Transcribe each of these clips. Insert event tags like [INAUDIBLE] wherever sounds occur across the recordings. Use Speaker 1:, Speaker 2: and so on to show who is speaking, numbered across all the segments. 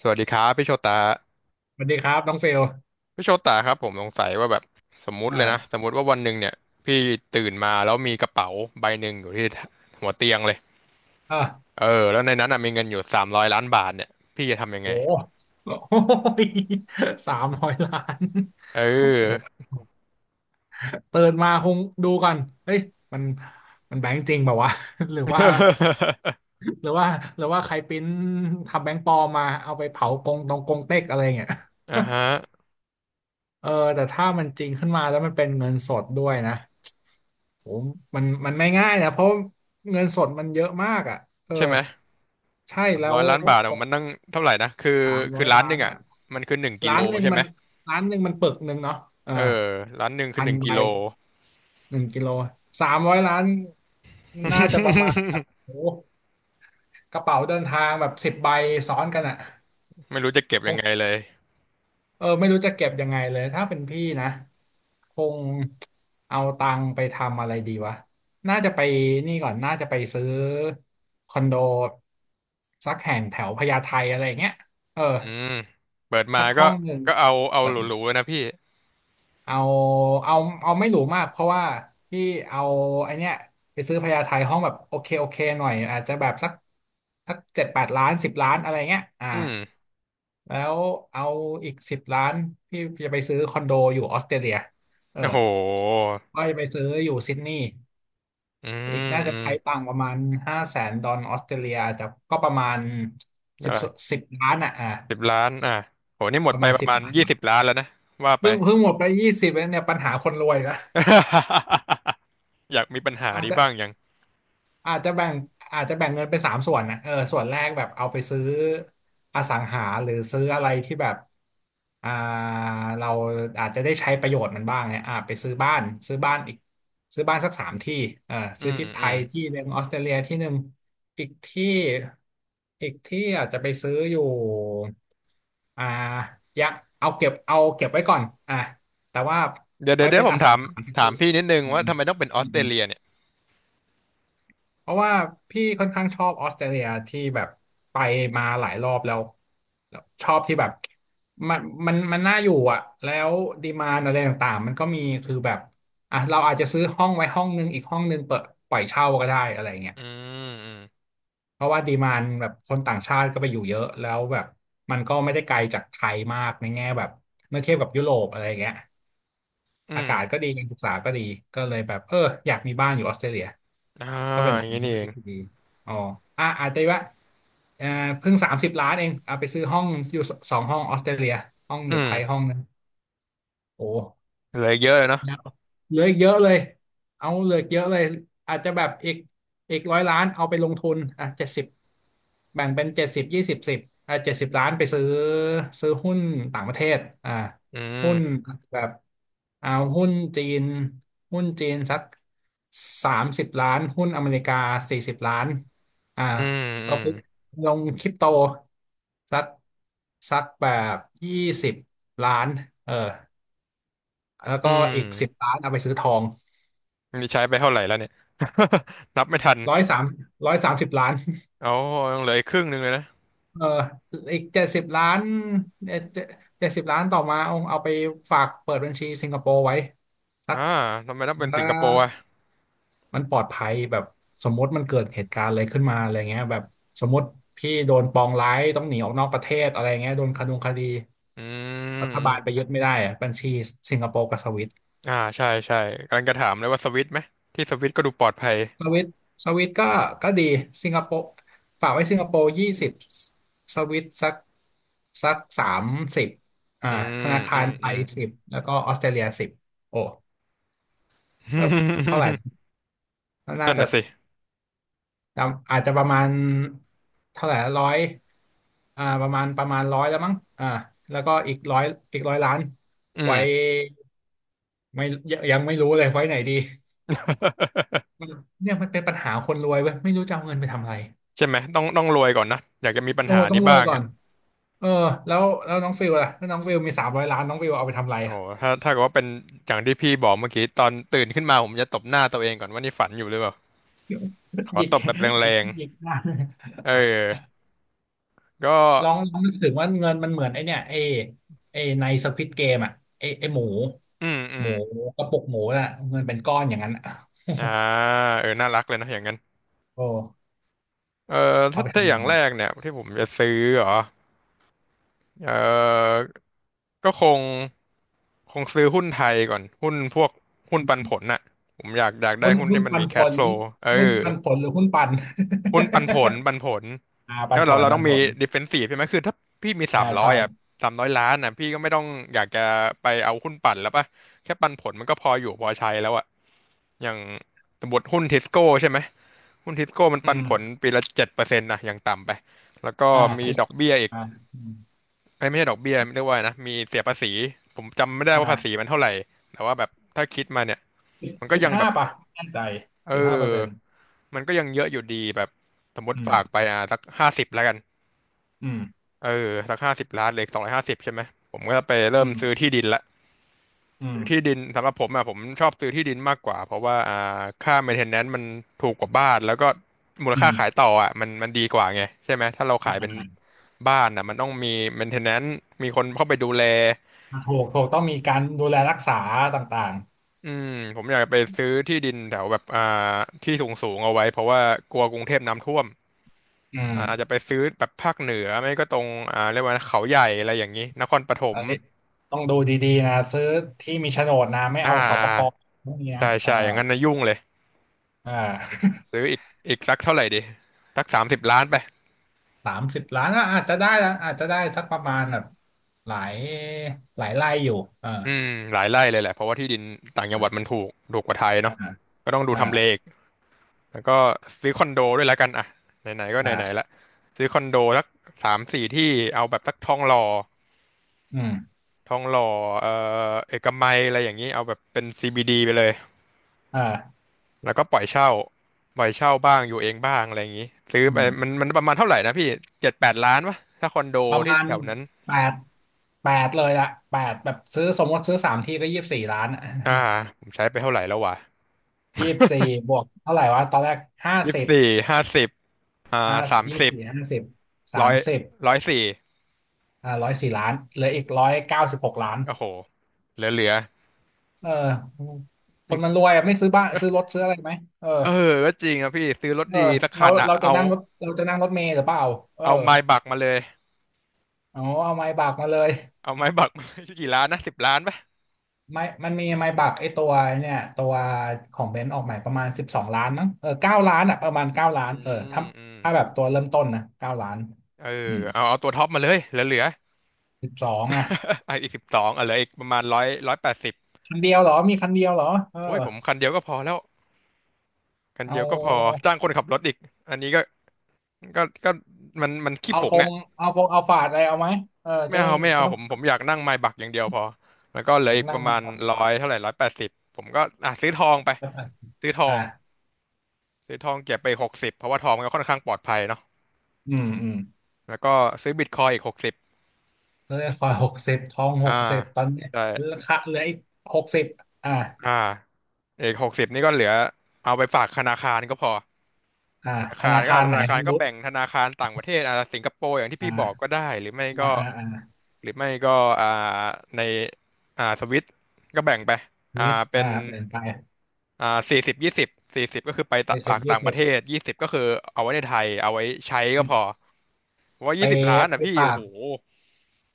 Speaker 1: สวัสดีครับพี่โชตา
Speaker 2: สวัสดีครับน้องเฟล
Speaker 1: พี่โชตาครับผมสงสัยว่าแบบสมมุติเลยนะ
Speaker 2: อ่า
Speaker 1: สมมุติว่าวันหนึ่งเนี่ยพี่ตื่นมาแล้วมีกระเป๋าใบหนึ่งอยู่ที่หัวเตียงเลย
Speaker 2: อ่า
Speaker 1: เออแล้วในนั้นน่ะมีเงินอยู่สามร้อยล้านบาทเนี่ยพี่จะทำยัง
Speaker 2: โห
Speaker 1: ไง
Speaker 2: โอ้ยสามร้อยล้าน
Speaker 1: เ
Speaker 2: โอ้
Speaker 1: ออ
Speaker 2: เติดนมาคงดูก่อนเฮ้ยมัน มันแบงค์จริงเปล่าวะ [LAUGHS] หรือว่าหรือว่าหรือว่าใครปริ้นทำแบงค์ปลอมมาเอาไปเผากงตรงกงเต็กอะไรเงี้ย
Speaker 1: อ่ะฮะ
Speaker 2: [LAUGHS] เออแต่ถ้ามันจริงขึ้นมาแล้วมันเป็นเงินสดด้วยนะผมมันไม่ง่ายนะ เพราะเงินสดมันเยอะมากอ่ะเออ
Speaker 1: ใช่ไหม
Speaker 2: ใช่
Speaker 1: สาม
Speaker 2: แล้
Speaker 1: ร้อ
Speaker 2: ว
Speaker 1: ยล้านบาท
Speaker 2: ป
Speaker 1: อะ
Speaker 2: ก
Speaker 1: มันนั่งเท่าไหร่นะคือ
Speaker 2: สามร้
Speaker 1: คื
Speaker 2: อ
Speaker 1: อ
Speaker 2: ย
Speaker 1: ล้าน
Speaker 2: ล้า
Speaker 1: หนึ่
Speaker 2: น
Speaker 1: งอ่ะ
Speaker 2: อ่ะ
Speaker 1: มันคือหนึ่งกิ
Speaker 2: ร้า
Speaker 1: โล
Speaker 2: นหนึ่ง
Speaker 1: ใช่ไห
Speaker 2: มั
Speaker 1: ม
Speaker 2: นร้านหนึ่งมันปึกหนึ่งเนาะเออ
Speaker 1: เออล้านหนึ่งคือ
Speaker 2: พั
Speaker 1: ห
Speaker 2: น
Speaker 1: นึ่งกิ
Speaker 2: ใบ
Speaker 1: โล
Speaker 2: หนึ่งกิโลสามร้อยล้านน่าจะประมาณแบบโอ้โหกระเป๋าเดินทางแบบ10 ใบซ้อนกันอะ
Speaker 1: ไม่รู้จะเก็บ
Speaker 2: ค
Speaker 1: ยัง
Speaker 2: ง
Speaker 1: ไงเลย
Speaker 2: เออไม่รู้จะเก็บยังไงเลย ถ้าเป็นพี่นะคงเอาตังค์ไปทำอะไรดีวะน่าจะไปนี่ก่อนน่าจะไปซื้อคอนโดสักแห่งแถวพญาไทอะไรอย่างเงี้ยเออ
Speaker 1: อืมเปิดมา
Speaker 2: สัก
Speaker 1: ก็
Speaker 2: ห้องหนึ่ง
Speaker 1: ก็เอาเอาหรูๆเลยนะพี่
Speaker 2: เอาเอาเอาไม่หรูมากเพราะว่าพี่เอาไอเนี้ยไปซื้อพญาไทห้องแบบโอเคโอเคหน่อยอาจจะแบบสักเจ็ดแปดล้านสิบล้านอะไรเงี้ยอ่า
Speaker 1: อืม
Speaker 2: แล้วเอาอีกสิบล้านพี่จะไปซื้อคอนโดอยู่ออสเตรเลียเออ
Speaker 1: โอ้โห
Speaker 2: ก็จะไปซื้ออยู่ซิดนีย์
Speaker 1: อื
Speaker 2: อีก
Speaker 1: ม
Speaker 2: น่า
Speaker 1: อื
Speaker 2: จะ
Speaker 1: ม
Speaker 2: ใช้ตังค์ประมาณ500,000ดอลออสเตรเลียอาจจะก็ประมาณสิบ
Speaker 1: อ่า
Speaker 2: สิบล้านอ่ะอ่า
Speaker 1: สิบล้านอ่ะโหนี่หม
Speaker 2: ป
Speaker 1: ด
Speaker 2: ระ
Speaker 1: ไป
Speaker 2: มาณ
Speaker 1: ประ
Speaker 2: สิบ
Speaker 1: มาณ
Speaker 2: ล้าน
Speaker 1: ยี่
Speaker 2: บา
Speaker 1: สิ
Speaker 2: ท
Speaker 1: บล้านแล้วนะว่าไป
Speaker 2: เพิ่งหมดไปยี่สิบเนี่ยปัญหาคนรวยละ
Speaker 1: [LAUGHS] อยากมีปัญหา
Speaker 2: อาจ
Speaker 1: นี้
Speaker 2: จะ
Speaker 1: บ้างยัง
Speaker 2: อาจจะแบ่งอาจจะแบ่งเงินเป็นสามส่วนนะเออส่วนแรกแบบเอาไปซื้ออสังหาหรือซื้ออะไรที่แบบอ่าเราอาจจะได้ใช้ประโยชน์มันบ้างเนี่ยอ่าไปซื้อบ้านอีกซื้อบ้านสักสามที่เออ
Speaker 1: อื
Speaker 2: ซื้อ
Speaker 1: ม
Speaker 2: ที่ไท
Speaker 1: อืม
Speaker 2: ยที่หนึ่งออสเตรเลียที่หนึ่งอีกที่อาจจะไปซื้ออยู่อ่าอยังเอาเก็บไว้ก่อนอ่ะแต่ว่า
Speaker 1: เดี๋ยวเดี๋
Speaker 2: ไว้
Speaker 1: ยวเดี๋ย
Speaker 2: เป็
Speaker 1: ว
Speaker 2: น
Speaker 1: ผ
Speaker 2: อ
Speaker 1: ม
Speaker 2: สั
Speaker 1: ถา
Speaker 2: ง
Speaker 1: ม
Speaker 2: หาสัก
Speaker 1: ถา
Speaker 2: ที
Speaker 1: มพี่นิดนึง
Speaker 2: อื
Speaker 1: ว่า
Speaker 2: ม
Speaker 1: ทำไมต้องเป็นออ
Speaker 2: อื
Speaker 1: สเตร
Speaker 2: ม
Speaker 1: เลียเนี่ย
Speaker 2: เพราะว่าพี่ค่อนข้างชอบออสเตรเลียที่แบบไปมาหลายรอบแล้วแล้วชอบที่แบบมันมันน่าอยู่อ่ะแล้วดีมานอะไรต่างๆมันก็มีคือแบบอ่ะเราอาจจะซื้อห้องไว้ห้องนึงอีกห้องนึงเปิดปล่อยเช่าก็ได้อะไรเงี้ย
Speaker 1: อืมอืม
Speaker 2: เพราะว่าดีมานแบบคนต่างชาติก็ไปอยู่เยอะแล้วแบบมันก็ไม่ได้ไกลจากไทยมากในแง่แบบเมื่อเทียบกับยุโรปอะไรเงี้ย
Speaker 1: อื
Speaker 2: อา
Speaker 1: ม
Speaker 2: กาศก็ดีการศึกษาก็ดีก็เลยแบบเอออยากมีบ้านอยู่ออสเตรเลีย
Speaker 1: อ่า
Speaker 2: ก็เป็น
Speaker 1: อย่า
Speaker 2: ทา
Speaker 1: ง
Speaker 2: ง
Speaker 1: นี้
Speaker 2: เลื
Speaker 1: นี่
Speaker 2: อก
Speaker 1: เอง
Speaker 2: ที่ดีอ๋ออ่ะอาจจะว่าเอ่อเพิ่งสามสิบล้านเองเอาไปซื้อห้องอยู่สองห้องออสเตรเลียห้องอ
Speaker 1: อื
Speaker 2: ยู่ไท
Speaker 1: ม
Speaker 2: ยห้องนึงโอ้
Speaker 1: เหลืออีกเยอะเลยเนาะ
Speaker 2: ยาวเหลืออีกเยอะเลยเอาเหลืออีกเยอะเลย อาจจะแบบอีกอีก100 ล้านเอาไปลงทุนอ่ะเจ็ดสิบแบ่งเป็นเจ็ดสิบยี่สิบสิบอ่ะเจ็ดสิบล้านไปซื้อซื้อหุ้นต่างประเทศอ่า
Speaker 1: อืม
Speaker 2: หุ้นแบบเอาหุ้นจีนหุ้นจีนสักสามสิบล้านหุ้นอเมริกา40 ล้านอ่า
Speaker 1: อืม
Speaker 2: แล้
Speaker 1: อื
Speaker 2: ว
Speaker 1: ม
Speaker 2: ก็ลงคริปโตสักสักแบบ20 ล้านเออ แล้ว
Speaker 1: อื
Speaker 2: ก็อีกสิบ
Speaker 1: ม
Speaker 2: ล้านเอาไปซื้อทอง
Speaker 1: นี่ใช้ไปเท่าไหร่แล้วเนี่ย [LAUGHS] นับไม่ทัน
Speaker 2: ร้อยสาม130 ล้าน
Speaker 1: โอ้ยังเหลืออีกครึ่งหนึ่งเลยนะ
Speaker 2: เอออีกเจ็ดสิบล้านเอ่อเจ็ดสิบล้านต่อมาเอาไปฝากเปิดบัญชีสิงคโปร์ไว้สัก
Speaker 1: อ่าทำไมต้องเป็น
Speaker 2: ถ้า
Speaker 1: สิงคโปร์อ่ะ
Speaker 2: มันปลอดภัยแบบสมมติมันเกิดเหตุการณ์อะไรขึ้นมาอะไรเงี้ยแบบสมมติพี่โดนปองร้ายต้องหนีออกนอกประเทศอะไรเงี้ยโดนคดงคดี
Speaker 1: อื
Speaker 2: รัฐบาลไป
Speaker 1: ม
Speaker 2: ยึดไม่ได้อะบัญชีสิงคโปร์กับสวิต
Speaker 1: อ่าใช่ใช่กำลังจะถามเลยว่าสวิตช์ไหมที่สวิตช์ก็ดูปลอดภัย
Speaker 2: สวิตสวิตก็ดีสิงคโปร์ฝากไว้สิงคโปร์ยี่สิบสวิตสักสักสามสิบอ่า
Speaker 1: อื
Speaker 2: ธ
Speaker 1: ม
Speaker 2: นาคา
Speaker 1: อื
Speaker 2: ร
Speaker 1: ม
Speaker 2: ไท
Speaker 1: อืม
Speaker 2: ยสิบแล้วก็ออสเตรเลียสิบโอ้เออเท่าไหร่
Speaker 1: [LAUGHS]
Speaker 2: น่า
Speaker 1: นั่น
Speaker 2: จะ
Speaker 1: น่ะสิ
Speaker 2: จำอาจจะประมาณเท่าไหร่ร้อยอ่าประมาณประมาณร้อยแล้วมั้งอ่าแล้วก็อีกร้อยอีกร้อยล้าน
Speaker 1: อื
Speaker 2: ไว้
Speaker 1: ม
Speaker 2: ไม่ยังยังไม่รู้เลยไว้ไหนดีเนี่ยมันเป็นปัญหาคนรวยเว้ยไม่รู้จะเอาเงินไปทำอะไร
Speaker 1: ใช่ไหมต้องต้องรวยก่อนนะอยากจะมีปัญ
Speaker 2: โอ้
Speaker 1: หา
Speaker 2: ต้อ
Speaker 1: นี้
Speaker 2: งรว
Speaker 1: บ้า
Speaker 2: ย
Speaker 1: ง
Speaker 2: ก่อ
Speaker 1: อ่ะ
Speaker 2: น เออแล้วน้องฟิลล่ะถ้าน้องฟิลมีสามร้อยล้านน้องฟิลเอาไปทำอะไร
Speaker 1: โอ้
Speaker 2: อะ
Speaker 1: โหถ้าถ้าเกิดว่าเป็นอย่างที่พี่บอกเมื่อกี้ตอนตื่นขึ้นมาผมจะตบหน้าตัวเองก่อนว่านี่ฝันอยู่หรือเปล่าข
Speaker 2: [LAUGHS]
Speaker 1: อ
Speaker 2: หยิก
Speaker 1: ตบแบบแร
Speaker 2: หยิก
Speaker 1: ง
Speaker 2: หยิกล้าน
Speaker 1: ๆเออก็
Speaker 2: ลองนึกถึงว่าเงินมันเหมือนไอเนี่ยไอในสควิดเกมอ่ะไอหมู
Speaker 1: อืมอื
Speaker 2: ห
Speaker 1: ม
Speaker 2: มูกระปุกหมูน่ะเงินเป็นก้อนอย่างนั้นอะ
Speaker 1: อ่าเออน่ารักเลยนะอย่างนั้น
Speaker 2: [LAUGHS] โอ้
Speaker 1: เออ
Speaker 2: เอา
Speaker 1: ถ้า
Speaker 2: ไป
Speaker 1: ถ้า
Speaker 2: ทำ
Speaker 1: อ
Speaker 2: เงิ
Speaker 1: ย่าง
Speaker 2: น
Speaker 1: แรกเนี่ยที่ผมจะซื้อเหรอเออก็คง คงซื้อหุ้นไทยก่อนหุ้นพวกหุ้นปันผลน่ะผมอยากอยากได้
Speaker 2: หุ้น
Speaker 1: หุ้น
Speaker 2: หุ้น
Speaker 1: ที่มัน
Speaker 2: ปั
Speaker 1: มี
Speaker 2: นผ
Speaker 1: cash
Speaker 2: ล
Speaker 1: flow เอ
Speaker 2: หุ้น
Speaker 1: อ
Speaker 2: ปันผลหรือหุ้นปัน
Speaker 1: หุ้นปันผลปันผล
Speaker 2: [LAUGHS] อ่าปั
Speaker 1: แล้
Speaker 2: น
Speaker 1: ว
Speaker 2: ผ
Speaker 1: เรา
Speaker 2: ล
Speaker 1: เรา
Speaker 2: ปั
Speaker 1: ต้อง
Speaker 2: นผ
Speaker 1: มี
Speaker 2: ล
Speaker 1: defensive ใช่ไหมคือถ้าพี่มีสา
Speaker 2: อ่า
Speaker 1: มร้อ
Speaker 2: ใช่
Speaker 1: ยอ่ะสามร้อยล้านอ่ะพี่ก็ไม่ต้องอยากจะไปเอาหุ้นปั่นแล้วป่ะแค่ปันผลมันก็พออยู่พอใช้แล้วอ่ะอย่างสมมติหุ้นทิสโก้ใช่ไหมหุ้นทิสโก้มัน
Speaker 2: อื
Speaker 1: ปัน
Speaker 2: ม
Speaker 1: ผลปีละเจ็ดเปอร์เซ็นต์นะอย่างต่ำไปแล้วก็
Speaker 2: อ่า
Speaker 1: มี
Speaker 2: ที่ส
Speaker 1: ดอกเบี้ยอีก
Speaker 2: อ่าอืม
Speaker 1: ไอ้ยไม่ใช่ดอกเบี้ยเรียกว่าไงนะมีเสียภาษีผมจำไม่ได้ว่าภาษี
Speaker 2: อ่า
Speaker 1: มันเท่าไหร่แต่ว่าแบบถ้าคิดมาเนี่ยมันก็
Speaker 2: สิบ
Speaker 1: ยังแบ
Speaker 2: ห้า
Speaker 1: บ
Speaker 2: ป่ะไม่แน่ใจ
Speaker 1: เ
Speaker 2: สิบห้าเปอร์เซ็น
Speaker 1: ออ
Speaker 2: ต์
Speaker 1: มันก็ยังเยอะอยู่ดีแบบสมม
Speaker 2: อื
Speaker 1: ติ
Speaker 2: ม
Speaker 1: ฝากไปอ่ะสักห้าสิบแล้วกัน
Speaker 2: อืม
Speaker 1: เออสักห้าสิบล้านเหลือสองร้อยห้าสิบใช่ไหมผมก็จะไปเริ่
Speaker 2: อื
Speaker 1: มซื้อ
Speaker 2: ม
Speaker 1: ที่ดินละ
Speaker 2: อื
Speaker 1: ซื้อที่
Speaker 2: ม
Speaker 1: ดินสำหรับผมอ่ะผมชอบซื้อที่ดินมากกว่าเพราะว่าค่า maintenance มันถูกกว่าบ้านแล้วก็มูล
Speaker 2: อื
Speaker 1: ค่า
Speaker 2: ม
Speaker 1: ขายต่ออ่ะมันมันดีกว่าไงใช่ไหมถ้าเรา
Speaker 2: ไม่
Speaker 1: ขาย
Speaker 2: เป็
Speaker 1: เป็
Speaker 2: น
Speaker 1: น
Speaker 2: ไร
Speaker 1: บ้านอ่ะมันต้องมี maintenance มีคนเข้าไปดูแล
Speaker 2: ถูกต้องมีการดูแลรักษาต่าง
Speaker 1: อืมผมอยากไปซื้อที่ดินแถวแบบที่สูงสูงเอาไว้เพราะว่ากลัวกรุงเทพน้ำท่วม
Speaker 2: ๆอืม
Speaker 1: อ่าอาจจะไปซื้อแบบภาคเหนือไม่ก็ตรงเรียกว่าเขาใหญ่อะไรอย่างนี้นครปฐม
Speaker 2: เอันนี้ยต้องดูดีๆนะซื้อที่มีโฉนดนะไม่
Speaker 1: อ่า
Speaker 2: เอาสป
Speaker 1: อ่า
Speaker 2: กพวกนี้นะ
Speaker 1: ใช่
Speaker 2: เอ่า
Speaker 1: ใช่อย่างนั้นนะยุ่งเลย
Speaker 2: อ่า [LAUGHS]
Speaker 1: ซื้ออีกอีกสักเท่าไหร่ดีสักสามสิบล้านไป
Speaker 2: 30 ล้านก็อาจจะได้ละอาจจะได้สักประมาณแบบหลายหลายไร่อยู่เออ
Speaker 1: อืมหลายไร่เลยแหละเพราะว่าที่ดินต่างจังหวัดมัน
Speaker 2: อ่า
Speaker 1: ถูกถูกกว่าไทยเนาะ
Speaker 2: อ่า
Speaker 1: ก็ต้องดูทำเลอีกแล้วก็ซื้อคอนโดด้วยแล้วกันอ่ะไหนๆก็ไหนๆละ
Speaker 2: อ่า
Speaker 1: ซื้อคอนโดสักสามสี่ที่เอาแบบสักทองหล่อ
Speaker 2: อืม
Speaker 1: ทองหล่อเอ่อเอกมัยอะไรอย่างนี้เอาแบบเป็น CBD ไปเลย
Speaker 2: อ่า
Speaker 1: แล้วก็ปล่อยเช่าปล่อยเช่าบ้างอยู่เองบ้างอะไรอย่างนี้ ซื้อ
Speaker 2: อื
Speaker 1: ไป
Speaker 2: ม
Speaker 1: มันมันประมาณเท่าไหร่นะพี่เจ็ดแปดล้านวะถ้าคอนโด
Speaker 2: ประ
Speaker 1: ที่
Speaker 2: มาณ
Speaker 1: แถวนั้น
Speaker 2: แปดแปดเลยอะแปดแบบซื้อสมมติซื้อสามทีก็24 ล้านอะ
Speaker 1: อ่าผมใช้ไปเท่าไหร่แล้ววะ
Speaker 2: [LAUGHS] 24บวกเท่าไหร่วะตอนแรกห้า
Speaker 1: ยี่
Speaker 2: สิ
Speaker 1: สิบ
Speaker 2: บ
Speaker 1: สี่ห้าสิบอ่า
Speaker 2: ห้า
Speaker 1: สาม
Speaker 2: ยี่สิบ
Speaker 1: สิบ
Speaker 2: สี่ห้าสิบสา
Speaker 1: ร้อ
Speaker 2: ม
Speaker 1: ย
Speaker 2: สิบ
Speaker 1: ร้อยสี่
Speaker 2: อ่า104 ล้านเหลืออีก196 ล้าน
Speaker 1: โอ้โหเหลือเหลือ
Speaker 2: เออคนมันรวยอะไม่ซื้อบ้านซื้อรถซื้ออะไรไหมเออ
Speaker 1: เออก็จริงนะพี่ ซื้อรถ
Speaker 2: เออ
Speaker 1: ดีสักคันอ่ะ เอา
Speaker 2: เราจะนั่งรถเมล์หรือเปล่าเออ
Speaker 1: เอาไม้บักมาเลย
Speaker 2: เอาไม้บากมาเลย
Speaker 1: เอาไม้บักมาเลย [LAUGHS] กี่ล้านนะสิบล้านปะ
Speaker 2: ไม่มันมีไมบักไอตัวเนี่ยตัวของเบนซ์ออกใหม่ประมาณ12 ล้านมั้งเออเก้าล้านอ่ะประมาณเก้าล้า
Speaker 1: อื
Speaker 2: นเออถ้า
Speaker 1: มอืม
Speaker 2: ถ้าแบบตัวเริ่มต้นนะเก้าล้าน
Speaker 1: เออ
Speaker 2: อืม
Speaker 1: เอาเอาตัวท็อปมาเลยเหลือเหลือ
Speaker 2: สิบสองอ่ะ
Speaker 1: [LAUGHS] ไออีก12อ่ะเหลืออีกประมาณร้อยร้อยแปดสิบ
Speaker 2: คันเดียวเหรอมีคันเดียวเหรอเออ
Speaker 1: โอ้ยผมคันเดียวก็พอแล้วคัน
Speaker 2: เอ
Speaker 1: เดียวก็พอ
Speaker 2: า
Speaker 1: จ้างคนขับรถอีกอันนี้ก็มันขี้
Speaker 2: เอา
Speaker 1: ผ
Speaker 2: ฟ
Speaker 1: ง
Speaker 2: ง
Speaker 1: อ่ะ
Speaker 2: เอาฝาดอะไรเอาไหมเออ
Speaker 1: ไม่
Speaker 2: จะได้
Speaker 1: เอาไม่เอา
Speaker 2: ไม่ต้อ
Speaker 1: ผ
Speaker 2: ง
Speaker 1: มผมอยากนั่งไมบักอย่างเดียวพอแล้วก็เหลื
Speaker 2: ห
Speaker 1: อ
Speaker 2: นัก
Speaker 1: อีกป
Speaker 2: นั่ง
Speaker 1: ระ
Speaker 2: นา
Speaker 1: มา
Speaker 2: น
Speaker 1: ณ
Speaker 2: ก่อน
Speaker 1: ร้อยเท่าไหร่ร้อยแปดสิบผมก็อ่ะซื้อทองไปซื้อทอ
Speaker 2: อ่า
Speaker 1: งซื้อทองเก็บไปหกสิบเพราะว่าทองมันก็ค่อนข้างปลอดภัยเนาะ
Speaker 2: อืมอืม
Speaker 1: แล้วก็ซื้อบิตคอยอีกหกสิบ
Speaker 2: เออคอยหกสิบทองห
Speaker 1: อ่า
Speaker 2: กสิบตอนเนี้ย
Speaker 1: แต่
Speaker 2: ราคาเหลืออีกหกสิบอ่า
Speaker 1: อ่าอีกหกสิบนี่ก็เหลือเอาไปฝากธนาคารก็พอ
Speaker 2: อ่า
Speaker 1: ธนา
Speaker 2: ธ
Speaker 1: คาร
Speaker 2: นา
Speaker 1: ก็
Speaker 2: คารไหนรู้
Speaker 1: แบ่งธนาคารต่างประเทศอ่ะสิงคโปร์อย่างที่พี่บอกก็
Speaker 2: อ่ะ
Speaker 1: ได้หรือไม่ก็
Speaker 2: อ่าอ่าอ่า
Speaker 1: หรือไม่ก็อ่าในสวิตก็แบ่งไปอ่า
Speaker 2: รู้
Speaker 1: เป็
Speaker 2: อ่า
Speaker 1: น
Speaker 2: เปลี่ยนไป
Speaker 1: 40 20สี่สิบก็คือไปตะ
Speaker 2: ในสิ
Speaker 1: ฝา
Speaker 2: บ
Speaker 1: ก
Speaker 2: ยี่
Speaker 1: ต่างป
Speaker 2: สิ
Speaker 1: ระ
Speaker 2: บ
Speaker 1: เทศยี่สิบก็คือเอาไว้ในไทยเอาไว้ใช้ก็พอเพราะว่า
Speaker 2: ไป
Speaker 1: ยี่สิบล้านอ่ะ
Speaker 2: ไป
Speaker 1: พี่
Speaker 2: ฝา
Speaker 1: โอ้
Speaker 2: ก
Speaker 1: โห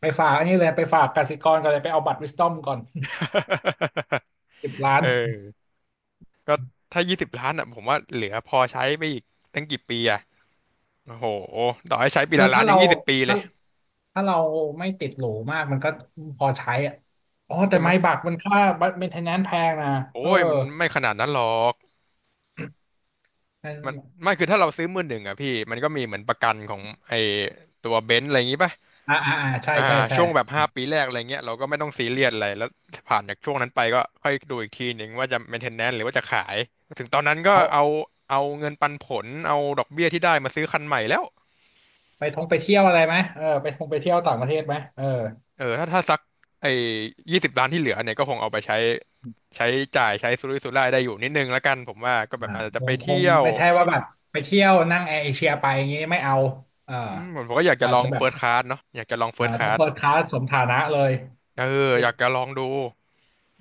Speaker 2: ไปฝากอันนี้เลยไปฝากกสิกรก่อนเลยไปเอาบัตรวิสตอมก่อน
Speaker 1: [LAUGHS]
Speaker 2: [LAUGHS] สิบล้า
Speaker 1: เ
Speaker 2: น
Speaker 1: ออก็20 ล้านอ่ะผมว่าเหลือพอใช้ไปอีกตั้งกี่ปีอ่ะโอ้โหต่อให้ใช้ปี
Speaker 2: คือ
Speaker 1: ละล้านยัง20 ปีเล
Speaker 2: ถ้า
Speaker 1: ย
Speaker 2: ถ้าเราไม่ติดหรูมากมันก็พอใช้อ่ะอ๋อแต่
Speaker 1: ใช่ไหม
Speaker 2: ไม้บักมันค่าบัตรเมนเทนแนนซ์แพงนะ
Speaker 1: โอ้
Speaker 2: เออ
Speaker 1: ยมันไม่ขนาดนั้นหรอกมัน
Speaker 2: อ
Speaker 1: ไม่คือถ้าเราซื้อมือหนึ่งอ่ะพี่มันก็มีเหมือนประกันของไอ้ตัวเบนซ์อะไรอย่างงี้ป่ะ
Speaker 2: ่าอ่าอ่าใช่
Speaker 1: อ่า
Speaker 2: ใช่ใช่
Speaker 1: ช่วงแบบ5 ปีแรกอะไรเงี้ยเราก็ไม่ต้องซีเรียสอะไรแล้วผ่านจากช่วงนั้นไปก็ค่อยดูอีกทีหนึ่งว่าจะ maintenance หรือว่าจะขายถึงตอนนั้นก็
Speaker 2: เอา
Speaker 1: เอาเงินปันผลเอาดอกเบี้ยที่ได้มาซื้อคันใหม่แล้ว
Speaker 2: ไปท่องไปเที่ยวอะไรไหมเออไปท่องไปเที่ยวต่างประเทศไหมเออ
Speaker 1: เออถ้าสักไอ้ยี่สิบล้านที่เหลือเนี่ยก็คงเอาไปใช้ใช้จ่ายใช้สุรุ่ยสุร่ายได้อยู่นิดนึงแล้วกันผมว่าก็แบบ
Speaker 2: อ่า
Speaker 1: อาจ
Speaker 2: ค
Speaker 1: จะไป
Speaker 2: งค
Speaker 1: เที่
Speaker 2: ง
Speaker 1: ยว
Speaker 2: ไม่ใช่ว่าแบบไปเที่ยวนั่งแอร์เอเชียไปอย่างงี้ไม่เอาเออ
Speaker 1: อืมผมก็อยากจะ
Speaker 2: อา
Speaker 1: ล
Speaker 2: จ
Speaker 1: อ
Speaker 2: จะ
Speaker 1: ง
Speaker 2: แบ
Speaker 1: เฟิ
Speaker 2: บ
Speaker 1: ร์สคลาสเนาะอยากจะลองเฟิ
Speaker 2: อ่า
Speaker 1: ร์สค
Speaker 2: ต้
Speaker 1: ลา
Speaker 2: อง
Speaker 1: ส
Speaker 2: เฟิร์สคลาสสมฐานะเลย
Speaker 1: เออ
Speaker 2: บิ
Speaker 1: อ
Speaker 2: ส
Speaker 1: ยากจะลองดู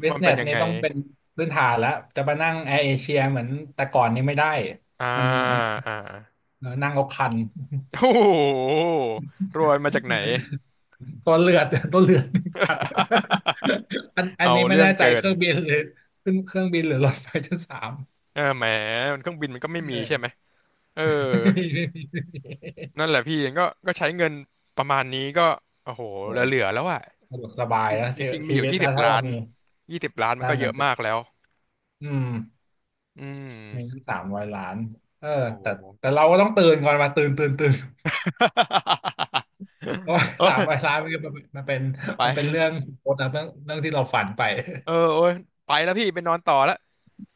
Speaker 2: บิ
Speaker 1: ว่า
Speaker 2: ส
Speaker 1: มัน
Speaker 2: เน
Speaker 1: เป็น
Speaker 2: ส
Speaker 1: ยัง
Speaker 2: นี่
Speaker 1: ไง
Speaker 2: ต้องเป็นพื้นฐานแล้วจะมานั่งแอร์เอเชียเหมือนแต่ก่อนนี่ไม่ได้
Speaker 1: อ่า
Speaker 2: มัน
Speaker 1: อ่า
Speaker 2: เออนั่งเอาคัน
Speaker 1: โอ้โหรวยมาจาก
Speaker 2: [LAUGHS]
Speaker 1: ไหน
Speaker 2: มันตัวเลือดตัวเลือดคัน [LAUGHS]
Speaker 1: [LAUGHS]
Speaker 2: อัน
Speaker 1: เอา
Speaker 2: นี้ไม่
Speaker 1: เรื่อง
Speaker 2: แน่ใจ
Speaker 1: เกิ
Speaker 2: เค
Speaker 1: น
Speaker 2: รื่องบินหรือขึ้นเครื่องบินหรือรถไฟชั้นสาม
Speaker 1: เออแหมมันเครื่องบินมันก็ไม่มี
Speaker 2: เอ
Speaker 1: ใช่ไหม
Speaker 2: อ
Speaker 1: เออ
Speaker 2: [LAUGHS] ไม่มีไม่มีไม่มี
Speaker 1: นั่นแหละพี่ก็ก็ใช้เงินประมาณนี้ก็โอ้โห
Speaker 2: โอ้
Speaker 1: เหลือๆแล้วอ่ะ
Speaker 2: สะดวกสบาย
Speaker 1: จริง
Speaker 2: นะ
Speaker 1: ๆจ
Speaker 2: ชี
Speaker 1: ริงๆมี
Speaker 2: ชี
Speaker 1: อยู่
Speaker 2: วิต
Speaker 1: ยี่
Speaker 2: นะ
Speaker 1: สิบ
Speaker 2: ถ้า
Speaker 1: ล้า
Speaker 2: เรา
Speaker 1: น
Speaker 2: มี
Speaker 1: ยี่สิบล้านมัน
Speaker 2: นั่
Speaker 1: ก็
Speaker 2: น
Speaker 1: เย
Speaker 2: น่ะ
Speaker 1: อะมาก
Speaker 2: สิ
Speaker 1: แล้ว
Speaker 2: อืม
Speaker 1: อื
Speaker 2: มีทั้ง
Speaker 1: ม
Speaker 2: สามร้อยล้านเออ
Speaker 1: โอ้
Speaker 2: แต่
Speaker 1: โห
Speaker 2: แต่เราก็ต้องตื่นก่อนมาตื่นตื่นตื่น เพราะว่า
Speaker 1: [LAUGHS] โอ้
Speaker 2: [LAUGHS] สามร้อย
Speaker 1: ย
Speaker 2: ล้านมันก็ม็นมันเป็น
Speaker 1: ไป
Speaker 2: มันเป็นเรื่องโคตรนะเรื่องที่เราฝันไป
Speaker 1: เออโอ้ยไปแล้วพี่ไปนอนต่อแล้ว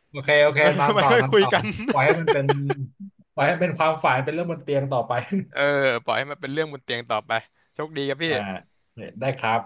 Speaker 2: โอเคโอเคนอ
Speaker 1: [LAUGHS]
Speaker 2: น
Speaker 1: ไม่
Speaker 2: ต่อ
Speaker 1: ค่อย
Speaker 2: นอน
Speaker 1: คุย
Speaker 2: ต่อ
Speaker 1: กัน
Speaker 2: ปล่อยให้
Speaker 1: [LAUGHS]
Speaker 2: มันเป็นปล่อยให้เป็นความฝันเป็นเรื่องบนเตียงต่อไป
Speaker 1: เออ
Speaker 2: [LAUGHS]
Speaker 1: ปล่อยให้มันเป็นเรื่องบนเตียงต่อไปโชคดีครับพี่
Speaker 2: อ่าได้ครับ